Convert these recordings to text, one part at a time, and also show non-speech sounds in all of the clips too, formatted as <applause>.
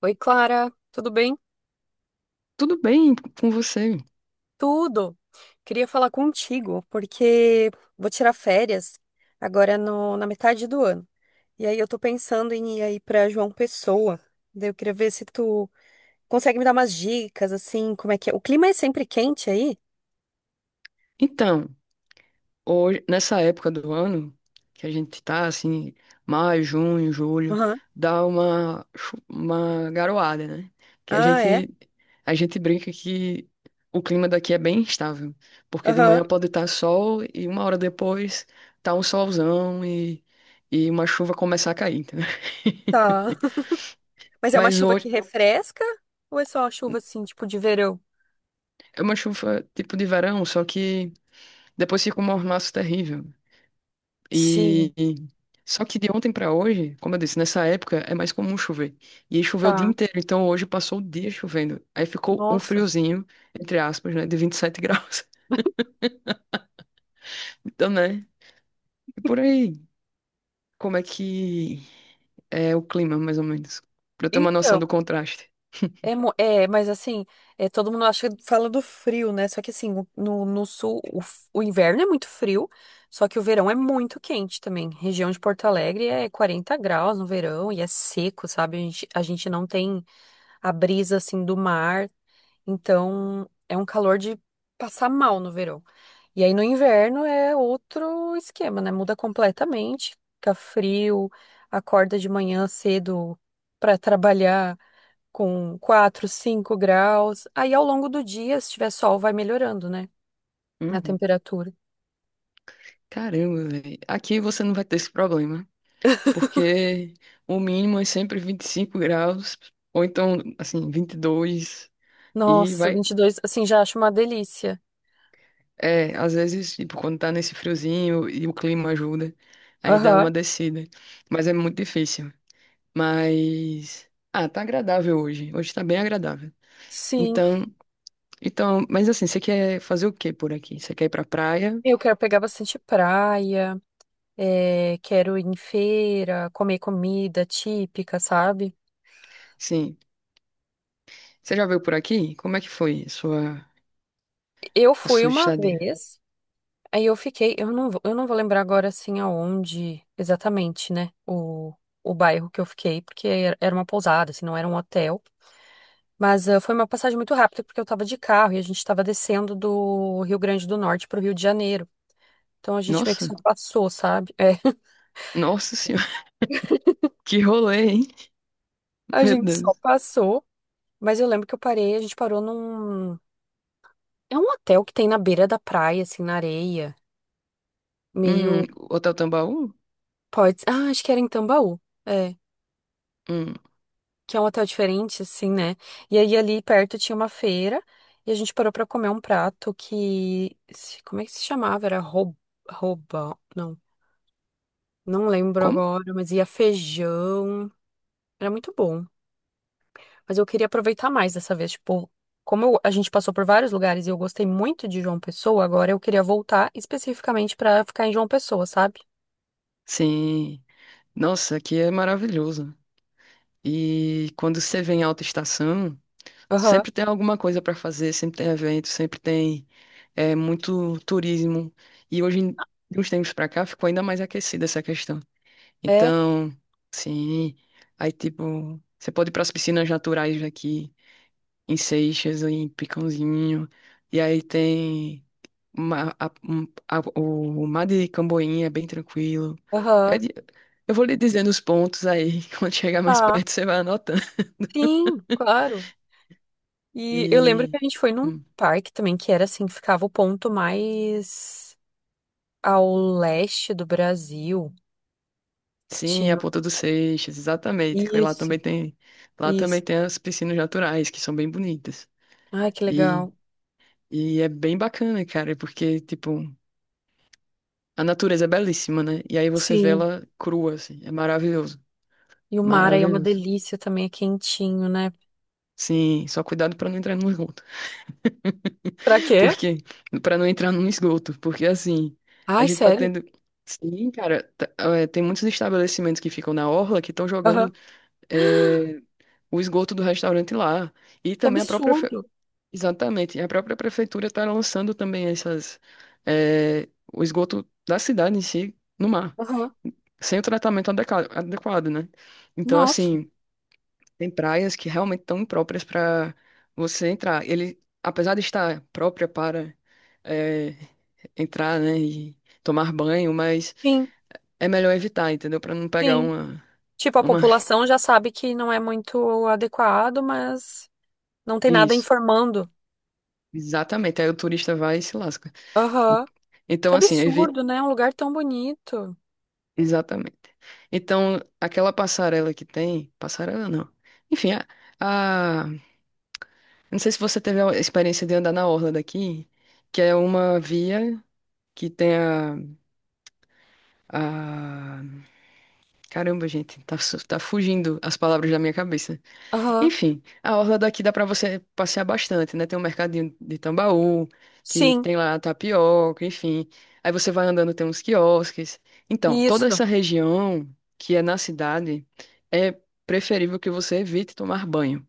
Oi, Clara, tudo bem? Tudo bem com você? Tudo. Queria falar contigo porque vou tirar férias agora na metade do ano. E aí eu tô pensando em ir aí pra João Pessoa. Daí eu queria ver se tu consegue me dar umas dicas assim, como é que é? O clima é sempre quente aí? Então, hoje, nessa época do ano, que a gente tá assim, maio, junho, julho, Aham. dá uma, uma garoada, né? Que a Ah, é? gente, a gente brinca que o clima daqui é bem instável, porque de Aham. manhã pode estar sol e uma hora depois tá um solzão e uma chuva começar a cair, entendeu? Tá. <laughs> <laughs> Mas é uma Mas chuva hoje que refresca ou é só uma chuva assim, tipo de verão? é uma chuva tipo de verão, só que depois fica um mormaço terrível. Sim, E só que de ontem pra hoje, como eu disse, nessa época é mais comum chover. E aí choveu o dia tá. inteiro, então hoje passou o dia chovendo. Aí ficou um Nossa. friozinho, entre aspas, né, de 27 graus. <laughs> Então, né? E por aí, como é que é o clima, mais ou menos? Pra eu ter uma noção do Então, contraste. é, é, mas assim, é, todo mundo acha, fala do frio, né? Só que assim, no sul, o inverno é muito frio, só que o verão é muito quente também. Região de Porto Alegre é 40 graus no verão e é seco, sabe? A gente não tem a brisa assim do mar, então é um calor de passar mal no verão. E aí no inverno é outro esquema, né? Muda completamente, fica frio, acorda de manhã cedo pra trabalhar com 4, 5 graus. Aí ao longo do dia, se tiver sol, vai melhorando, né? A Uhum. temperatura. Caramba, velho. Aqui você não vai ter esse problema, porque o mínimo é sempre 25 graus, ou então, assim, 22 e Nossa, vai. 22. Assim, já acho uma delícia. É, às vezes, tipo, quando tá nesse friozinho e o clima ajuda, aí dá Aham. uma descida. Mas é muito difícil. Mas, ah, tá agradável hoje. Hoje tá bem agradável. Sim, Então, então, mas assim, você quer fazer o quê por aqui? Você quer ir pra praia? eu quero pegar bastante praia, é, quero ir em feira, comer comida típica, sabe? Sim. Você já veio por aqui? Como é que foi a sua, Eu a fui sua uma estadia? vez, aí eu fiquei, eu não, eu não vou lembrar agora assim aonde exatamente, né? O bairro que eu fiquei, porque era uma pousada, assim, não era um hotel. Mas ah, foi uma passagem muito rápida porque eu estava de carro e a gente estava descendo do Rio Grande do Norte para o Rio de Janeiro. Então a gente meio que Nossa, só passou, sabe? É, <laughs> nossa senhora, <laughs> que rolê, hein? a Meu gente só Deus. passou. Mas eu lembro que eu parei, a gente parou num. É um hotel que tem na beira da praia, assim, na areia. Meio. Hum, Hotel Tambaú? Pode. Ah, acho que era em Tambaú. É. Hum, Que é um hotel diferente, assim, né? E aí ali perto tinha uma feira e a gente parou para comer um prato que. Como é que se chamava? Era rouba. Rouba. Não. Não lembro como? agora, mas ia feijão. Era muito bom. Mas eu queria aproveitar mais dessa vez. Tipo, como eu- a gente passou por vários lugares e eu gostei muito de João Pessoa, agora eu queria voltar especificamente pra ficar em João Pessoa, sabe? Sim. Nossa, aqui é maravilhoso. E quando você vem em alta estação, Aham. sempre tem alguma coisa para fazer, sempre tem evento, sempre tem é, muito turismo. E hoje, de uns tempos para cá, ficou ainda mais aquecida essa questão. É, Então, sim, aí tipo, você pode ir para as piscinas naturais daqui, em Seixas, em Picãozinho, e aí tem o mar de Camboinha, é bem tranquilo. Aí aham. de- Eu vou lhe dizendo os pontos aí, <laughs> quando chegar mais Tá. perto você vai anotando. Sim, claro. E eu lembro que E a gente foi num hum, parque também que era assim, ficava o ponto mais ao leste do Brasil. sim, é a Tinha. Ponta dos Seixas, exatamente, que lá também Isso, tem, lá isso. também tem as piscinas naturais que são bem bonitas. Ai, que E, legal. e é bem bacana, cara, porque tipo, a natureza é belíssima, né? E aí você vê Sim. ela crua assim, é maravilhoso, E o mar aí é uma maravilhoso. delícia também, é quentinho, né? Sim, só cuidado pra não entrar no esgoto. Pra <laughs> quê? Porque, para não entrar no esgoto, porque assim, a Ai, gente tá sério? tendo. Sim, cara, tá- é, tem muitos estabelecimentos que ficam na orla que estão jogando Aham. eh, o esgoto do restaurante lá. E Que também a própria, absurdo. exatamente, a própria prefeitura está lançando também essas, eh, o esgoto da cidade em si no mar, Aham. sem o tratamento adequado, né? Então, Nossa. assim, tem praias que realmente estão impróprias para você entrar. Ele, apesar de estar própria para, eh, entrar, né, e tomar banho, mas Sim, é melhor evitar, entendeu? Para não pegar sim. Tipo, a uma... população já sabe que não é muito adequado, mas não tem nada Isso. informando. Exatamente, aí o turista vai e se lasca. En- Aham. Que Então, assim, evi... absurdo, né? Um lugar tão bonito. Exatamente. Então, aquela passarela que tem, passarela não. Enfim, a, a- não sei se você teve a experiência de andar na orla daqui, que é uma via que tem a... Caramba, gente, tá fugindo as palavras da minha cabeça. Aham. Enfim, a orla daqui dá pra você passear bastante, né? Tem um mercadinho de Tambaú, que Sim, tem lá tapioca, enfim. Aí você vai andando, tem uns quiosques. Então, toda isso. essa região que é na cidade, é preferível que você evite tomar banho.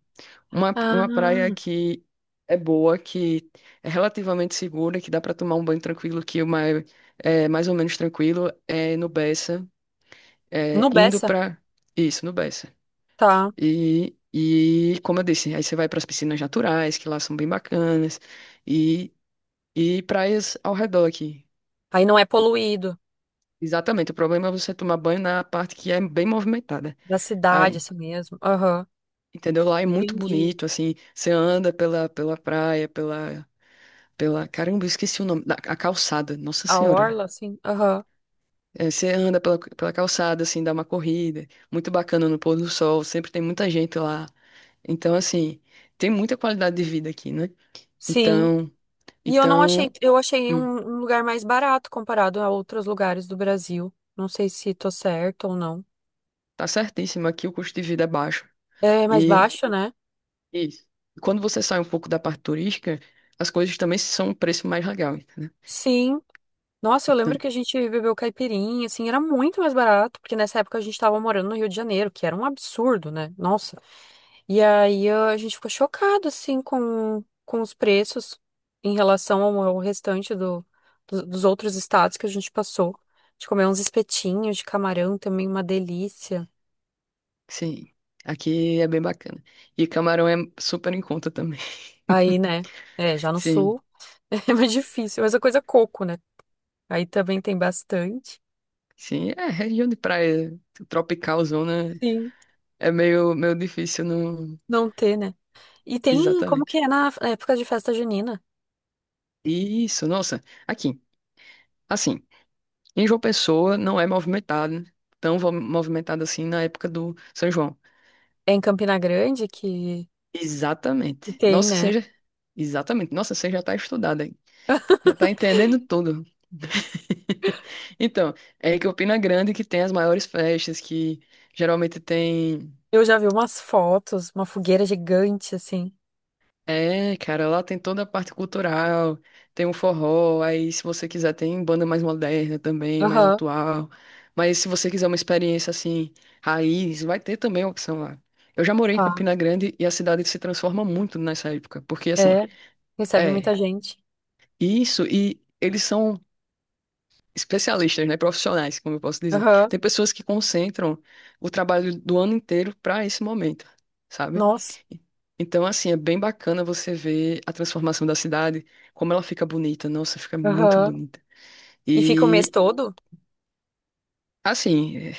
Uma praia Ah, que é boa, que é relativamente segura, que dá pra tomar um banho tranquilo, que o mais, é mais ou menos tranquilo, é no Bessa, é, no indo Bessa. pra... Isso, no Bessa. Tá. E como eu disse, aí você vai para as piscinas naturais, que lá são bem bacanas, e, e praias ao redor aqui. Aí não é poluído. Exatamente, o problema é você tomar banho na parte que é bem movimentada. Da cidade, Aí, assim mesmo. Aham. entendeu? Lá é muito Entendi. bonito, assim, você anda pela, pela praia, Caramba, eu esqueci o nome, a calçada, Nossa A Senhora. orla, assim. Aham. É, você anda pela, pela calçada, assim, dá uma corrida, muito bacana no pôr do sol, sempre tem muita gente lá. Então, assim, tem muita qualidade de vida aqui, né? Sim. Então... E eu não Então, achei, eu achei um, Hum, um lugar mais barato comparado a outros lugares do Brasil. Não sei se tô certo ou não. tá certíssimo. Aqui o custo de vida é baixo. É mais E baixo, né? isso. E quando você sai um pouco da parte turística, as coisas também são um preço mais legal, entendeu? Sim. Nossa, eu lembro Então, que a gente bebeu caipirinha, assim, era muito mais barato, porque nessa época a gente tava morando no Rio de Janeiro, que era um absurdo, né? Nossa. E aí a gente ficou chocado, assim, com os preços em relação ao restante dos outros estados que a gente passou. A gente comeu uns espetinhos de camarão também, uma delícia. sim, aqui é bem bacana. E camarão é super em conta também. Aí, <laughs> né? É, já no Sim, sul <laughs> é mais difícil, mas a coisa é coco, né? Aí também tem bastante. sim. É, região de praia tropical, zona, Sim, é meio, meio difícil, não. não ter, né? E tem, como que Exatamente. é na época de festa junina? Isso, nossa. Aqui, assim, em João Pessoa não é movimentado, tão movimentado assim na época do São João. É em Campina Grande que Exatamente. tem, Nossa, né? você já... Exatamente. Nossa, você já tá estudada, hein? Já tá entendendo tudo. <laughs> Então, é que Campina Grande que tem as maiores festas, que geralmente tem. Eu já vi umas fotos, uma fogueira gigante, assim. É, cara, lá tem toda a parte cultural, tem um forró, aí se você quiser tem banda mais moderna também, mais Aham, atual. Mas se você quiser uma experiência assim, raiz, vai ter também a opção lá. Eu já morei em tá. Campina Grande e a cidade se transforma muito nessa época, porque assim. É, recebe É, muita gente. isso, e eles são especialistas, né, profissionais, como eu posso dizer. Aham, Tem pessoas que concentram o trabalho do ano inteiro para esse momento, sabe? nossa. Então, assim, é bem bacana você ver a transformação da cidade, como ela fica bonita, nossa, fica muito Aham. bonita. E fica o mês E, todo? assim,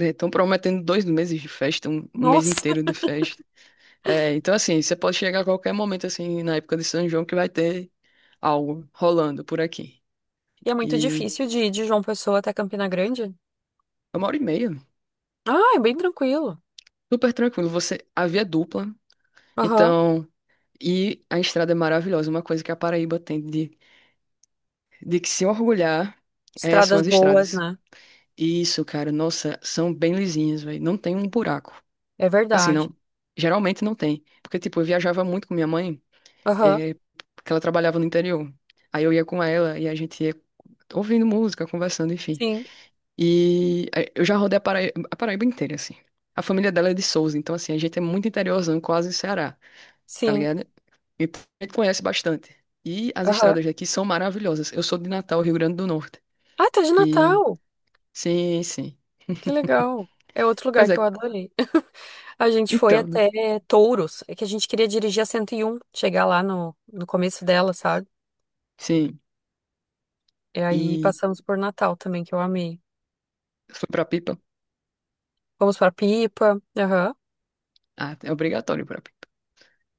estão prometendo 2 meses de festa, um mês Nossa. inteiro de festa. É, então, assim, você pode chegar a qualquer momento, assim, na época de São João, que vai ter algo rolando por aqui. E é muito E difícil de ir de João Pessoa até Campina Grande? é 1 hora e meia. Ah, é bem tranquilo. Super tranquilo. Você, a via é dupla, Aham. então, e a estrada é maravilhosa. Uma coisa que a Paraíba tem de que se orgulhar é, são Estradas as boas, estradas. né? E isso, cara, nossa, são bem lisinhas, velho. Não tem um buraco. É Assim, verdade. não. Geralmente não tem. Porque, tipo, eu viajava muito com minha mãe, Aham. é, porque ela trabalhava no interior. Aí eu ia com ela e a gente ia ouvindo música, conversando, enfim. Sim, E é, eu já rodei a Paraíba inteira, assim. A família dela é de Souza, então, assim, a gente é muito interiorzão, quase Ceará, tá sim. ligado? Então, a gente conhece bastante. E as Aham. estradas daqui são maravilhosas. Eu sou de Natal, Rio Grande do Norte. Ah, tá de E Natal. sim, sim. Que legal. É outro lugar Pois que é, eu adorei. <laughs> A gente foi então, né? até Touros. É que a gente queria dirigir a 101, chegar lá no, no começo dela, sabe? Sim. E aí E passamos por Natal também, que eu amei. fui pra Pipa. Vamos pra Pipa. Aham. Ah, é obrigatório ir pra Pipa.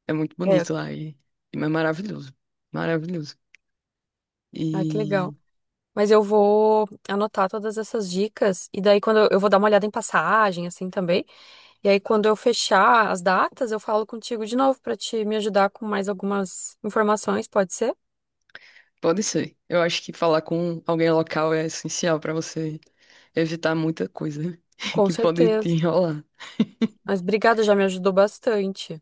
É muito É. bonito lá e é maravilhoso. Maravilhoso. Ah, que legal. E Mas eu vou anotar todas essas dicas. E daí, quando eu vou dar uma olhada em passagem, assim também. E aí, quando eu fechar as datas, eu falo contigo de novo para te me ajudar com mais algumas informações, pode ser? pode ser. Eu acho que falar com alguém local é essencial pra você evitar muita coisa <laughs> Com que pode te certeza. enrolar. Mas obrigada, já me ajudou bastante.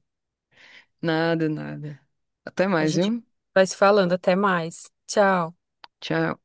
Nada, nada. Até A mais, gente viu? vai se falando, até mais. Tchau. Tchau.